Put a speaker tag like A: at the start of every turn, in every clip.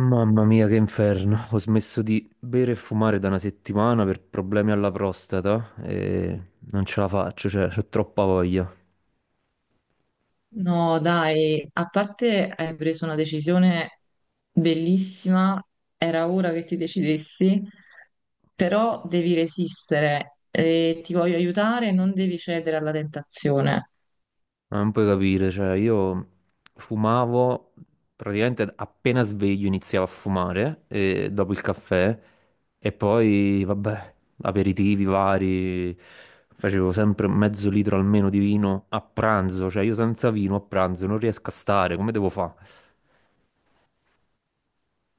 A: Mamma mia, che inferno. Ho smesso di bere e fumare da una settimana per problemi alla prostata e non ce la faccio, cioè, ho troppa voglia.
B: No, dai, a parte hai preso una decisione bellissima, era ora che ti decidessi, però devi resistere e ti voglio aiutare, non devi cedere alla tentazione.
A: Ma non puoi capire, cioè, io fumavo praticamente appena sveglio iniziavo a fumare e dopo il caffè e poi, vabbè, aperitivi vari. Facevo sempre mezzo litro almeno di vino a pranzo, cioè io senza vino a pranzo non riesco a stare, come devo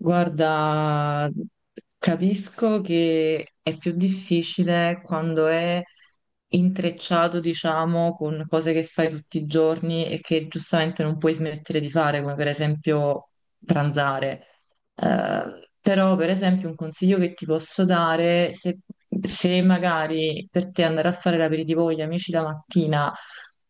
B: Guarda, capisco che è più difficile quando è intrecciato, diciamo, con cose che fai tutti i giorni e che giustamente non puoi smettere di fare, come per esempio pranzare. Però, per esempio, un consiglio che ti posso dare, se magari per te andare a fare l'aperitivo con gli amici la mattina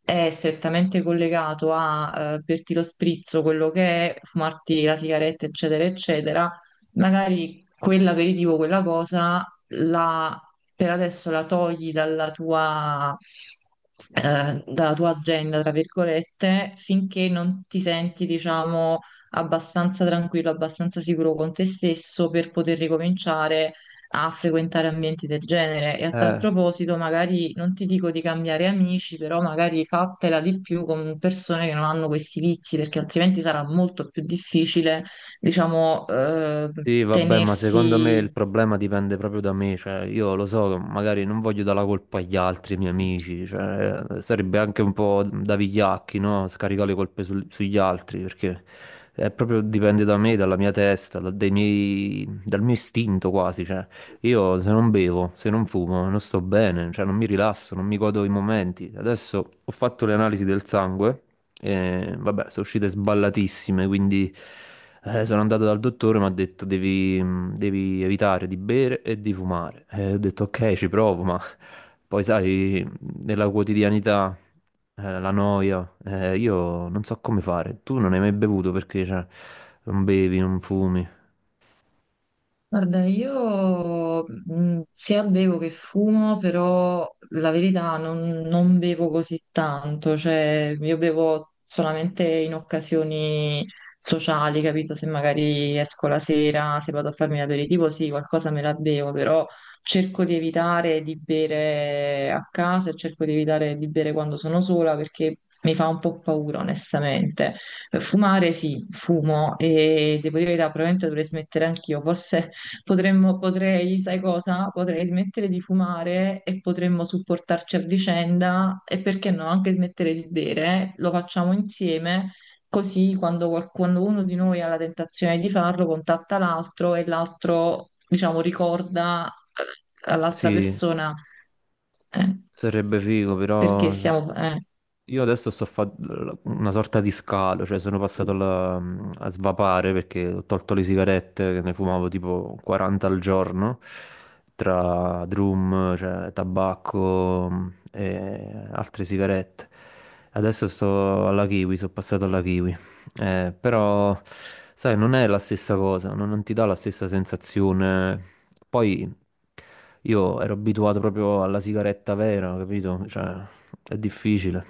B: è strettamente collegato a berti lo sprizzo, quello che è, fumarti la sigaretta, eccetera, eccetera, magari quell'aperitivo, quella cosa, la- per adesso la togli dalla tua agenda, tra virgolette, finché non ti senti, diciamo, abbastanza tranquillo, abbastanza sicuro con te stesso per poter ricominciare a frequentare ambienti del genere. E a tal
A: fare?
B: proposito, magari non ti dico di cambiare amici, però magari fatela di più con persone che non hanno questi vizi, perché altrimenti sarà molto più difficile, diciamo,
A: Sì, vabbè, ma secondo me il
B: tenersi.
A: problema dipende proprio da me, cioè io lo so, che magari non voglio dare la colpa agli altri miei amici, cioè sarebbe anche un po' da vigliacchi, no? Scaricare le colpe sugli altri, perché è proprio dipende da me, dalla mia testa, dal mio istinto quasi, cioè io se non bevo, se non fumo, non sto bene, cioè non mi rilasso, non mi godo i momenti. Adesso ho fatto le analisi del sangue. E, vabbè, sono uscite sballatissime, quindi sono andato dal dottore, mi ha detto devi, devi evitare di bere e di fumare. E ho detto ok, ci provo, ma poi sai, nella quotidianità, la noia, io non so come fare. Tu non hai mai bevuto perché cioè, non bevi, non fumi.
B: Guarda, io sia bevo che fumo, però la verità non bevo così tanto, cioè io bevo solamente in occasioni sociali, capito? Se magari esco la sera, se vado a farmi l'aperitivo, sì, qualcosa me la bevo, però cerco di evitare di bere a casa e cerco di evitare di bere quando sono sola perché mi fa un po' paura, onestamente. Fumare sì, fumo e devo dire la verità, probabilmente dovrei smettere anch'io, forse. Potrei, sai cosa? Potrei smettere di fumare e potremmo supportarci a vicenda e perché no, anche smettere di bere. Lo facciamo insieme, così quando uno di noi ha la tentazione di farlo, contatta l'altro e l'altro, diciamo, ricorda all'altra
A: Sì,
B: persona, eh,
A: sarebbe figo,
B: perché
A: però.
B: stiamo...
A: Io adesso sto facendo una sorta di scalo, cioè sono passato a svapare perché ho tolto le sigarette, che ne fumavo tipo 40 al giorno, tra drum, cioè tabacco e altre sigarette. Adesso sto alla kiwi, sono passato alla kiwi. Però, sai, non è la stessa cosa, non ti dà la stessa sensazione. Poi io ero abituato proprio alla sigaretta vera, capito? Cioè, è difficile.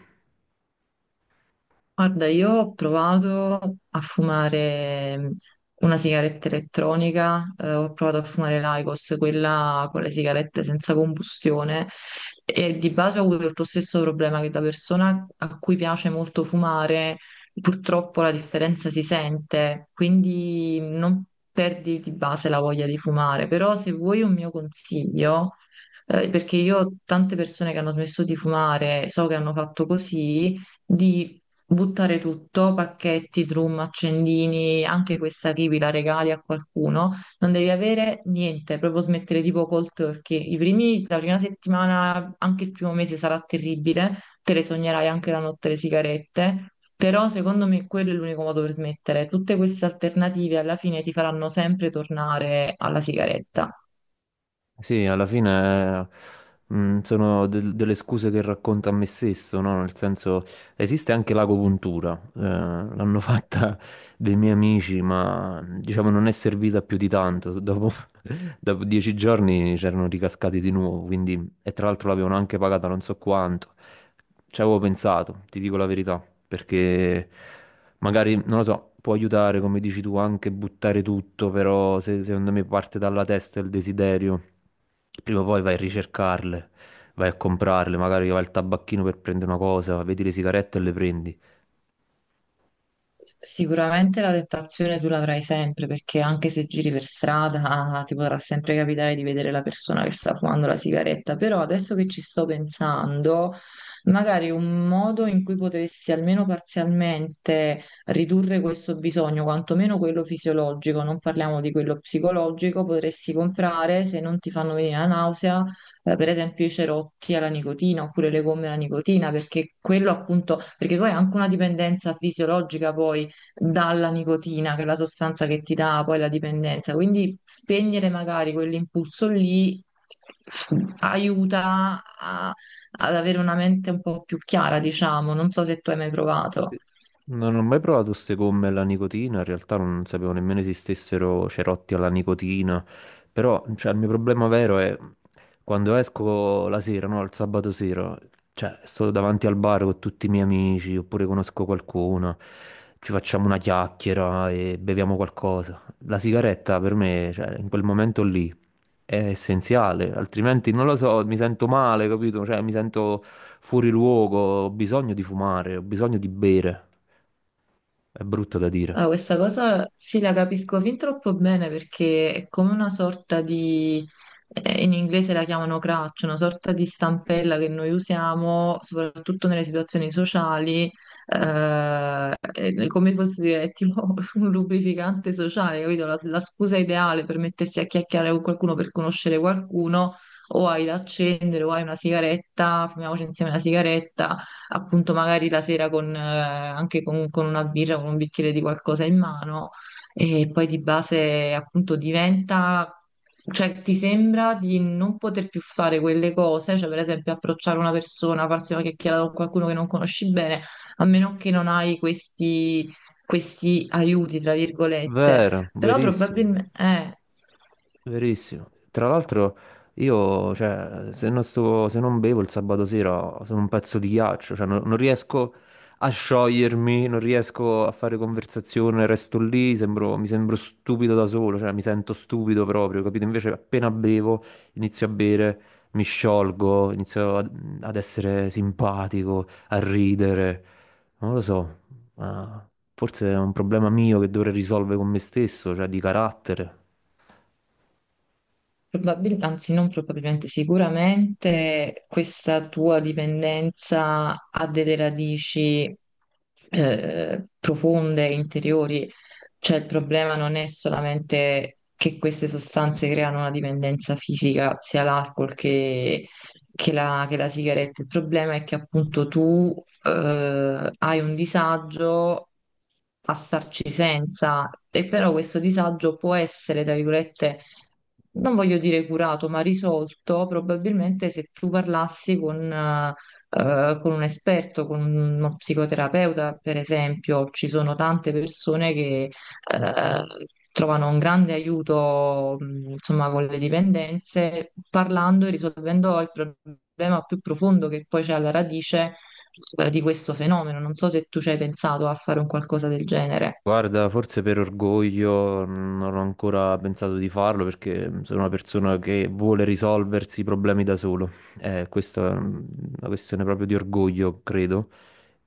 B: Guarda, io ho provato a fumare una sigaretta elettronica, ho provato a fumare l'Aicos, quella con le sigarette senza combustione, e di base ho avuto lo stesso problema che da persona a cui piace molto fumare, purtroppo la differenza si sente, quindi non perdi di base la voglia di fumare. Però se vuoi un mio consiglio, perché io ho tante persone che hanno smesso di fumare, so che hanno fatto così, di buttare tutto, pacchetti, drum, accendini, anche questa kiwi la regali a qualcuno, non devi avere niente, proprio smettere tipo cold turkey. La prima settimana, anche il primo mese sarà terribile, te le sognerai anche la notte le sigarette, però secondo me quello è l'unico modo per smettere. Tutte queste alternative alla fine ti faranno sempre tornare alla sigaretta.
A: Sì, alla fine sono delle scuse che racconto a me stesso, no? Nel senso, esiste anche l'agopuntura, l'hanno fatta dei miei amici, ma diciamo non è servita più di tanto. Dopo, dopo 10 giorni c'erano ricascati di nuovo, quindi, e tra l'altro l'avevano anche pagata non so quanto. Ci avevo pensato, ti dico la verità, perché magari, non lo so, può aiutare, come dici tu, anche buttare tutto, però se, secondo me parte dalla testa il desiderio, prima o poi vai a ricercarle, vai a comprarle, magari vai al tabacchino per prendere una cosa, vedi le sigarette e le prendi.
B: Sicuramente la tentazione tu l'avrai sempre perché anche se giri per strada ti potrà sempre capitare di vedere la persona che sta fumando la sigaretta, però adesso che ci sto pensando, magari un modo in cui potessi almeno parzialmente ridurre questo bisogno, quantomeno quello fisiologico, non parliamo di quello psicologico, potresti comprare se non ti fanno venire la nausea per esempio i cerotti alla nicotina oppure le gomme alla nicotina, perché quello appunto, perché tu hai anche una dipendenza fisiologica poi dalla nicotina, che è la sostanza che ti dà poi la dipendenza, quindi spegnere magari quell'impulso lì aiuta a- ad avere una mente un po' più chiara, diciamo, non so se tu hai mai provato.
A: Sì. Non ho mai provato queste gomme alla nicotina, in realtà non sapevo nemmeno esistessero cerotti alla nicotina, però cioè, il mio problema vero è quando esco la sera, no, il sabato sera, cioè sto davanti al bar con tutti i miei amici oppure conosco qualcuno, ci facciamo una chiacchiera e beviamo qualcosa. La sigaretta per me, cioè, in quel momento lì È essenziale, altrimenti non lo so, mi sento male, capito? Cioè, mi sento fuori luogo, ho bisogno di fumare, ho bisogno di bere. È brutto da
B: Ah,
A: dire.
B: questa cosa sì, la capisco fin troppo bene perché è come una sorta di, in inglese la chiamano crutch, una sorta di stampella che noi usiamo soprattutto nelle situazioni sociali, è come posso dire, è tipo un lubrificante sociale, capito? La scusa ideale per mettersi a chiacchierare con qualcuno, per conoscere qualcuno, o hai da accendere, o hai una sigaretta, fumiamoci insieme una sigaretta, appunto magari la sera anche con una birra, con un bicchiere di qualcosa in mano, e poi di base appunto diventa... Cioè, ti sembra di non poter più fare quelle cose, cioè per esempio approcciare una persona, farsi una chiacchierata con qualcuno che non conosci bene, a meno che non hai questi aiuti, tra virgolette.
A: Vero,
B: Però
A: verissimo.
B: probabilmente,
A: Verissimo. Tra l'altro io, cioè, se non se non bevo il sabato sera sono un pezzo di ghiaccio, cioè non riesco a sciogliermi, non riesco a fare conversazione, resto lì, mi sembro stupido da solo, cioè mi sento stupido proprio, capito? Invece appena bevo, inizio a bere, mi sciolgo, inizio ad essere simpatico, a ridere. Non lo so, ma forse è un problema mio che dovrei risolvere con me stesso, cioè di carattere.
B: Probabilmente, anzi non probabilmente, sicuramente questa tua dipendenza ha delle radici profonde, interiori, cioè il problema non è solamente che queste sostanze creano una dipendenza fisica, sia l'alcol che la sigaretta, il problema è che appunto tu hai un disagio a starci senza, e però questo disagio può essere, tra virgolette, non voglio dire curato, ma risolto, probabilmente se tu parlassi con un esperto, con uno psicoterapeuta, per esempio. Ci sono tante persone che eh, trovano un grande aiuto, insomma, con le dipendenze, parlando e risolvendo il problema più profondo che poi c'è alla radice di questo fenomeno. Non so se tu ci hai pensato a fare un qualcosa del genere.
A: Guarda, forse per orgoglio non ho ancora pensato di farlo perché sono una persona che vuole risolversi i problemi da solo. Questa è una questione proprio di orgoglio, credo.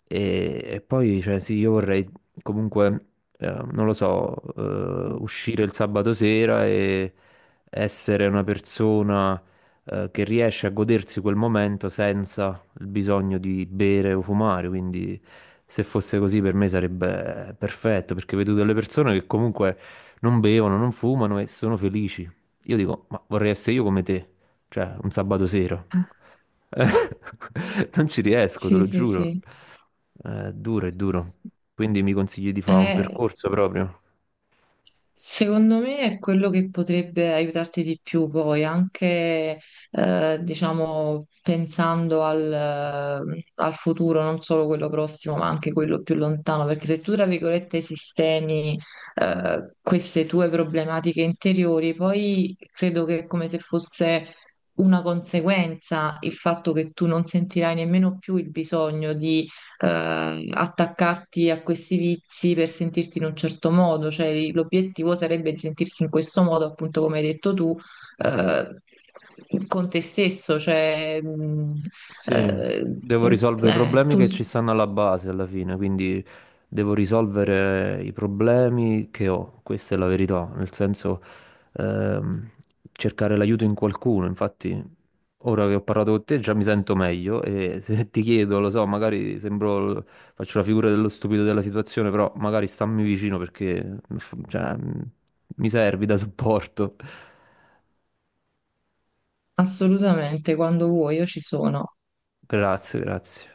A: E poi, cioè, sì, io vorrei comunque, non lo so, uscire il sabato sera e essere una persona, che riesce a godersi quel momento senza il bisogno di bere o fumare, quindi se fosse così per me sarebbe perfetto, perché vedo delle persone che comunque non bevono, non fumano e sono felici. Io dico, ma vorrei essere io come te, cioè un sabato sera. Eh, Non ci riesco, te
B: Sì,
A: lo
B: sì,
A: giuro.
B: sì.
A: Duro, è duro. Quindi mi consigli di fare un
B: Eh,
A: percorso proprio.
B: Secondo me è quello che potrebbe aiutarti di più poi, anche diciamo pensando al, al futuro, non solo quello prossimo, ma anche quello più lontano, perché se tu, tra virgolette, sistemi queste tue problematiche interiori, poi credo che è come se fosse una conseguenza il fatto che tu non sentirai nemmeno più il bisogno di attaccarti a questi vizi per sentirti in un certo modo, cioè l'obiettivo sarebbe di sentirsi in questo modo, appunto come hai detto tu, eh, con te stesso,
A: Sì,
B: eh,
A: devo risolvere i
B: eh,
A: problemi
B: tu
A: che
B: s-
A: ci stanno alla base alla fine, quindi devo risolvere i problemi che ho, questa è la verità, nel senso ehm, cercare l'aiuto in qualcuno, infatti ora che ho parlato con te già mi sento meglio e se ti chiedo, lo so, magari sembro, faccio la figura dello stupido della situazione, però magari stammi vicino perché cioè, mi servi da supporto.
B: assolutamente quando vuoi io ci sono.
A: Grazie, grazie.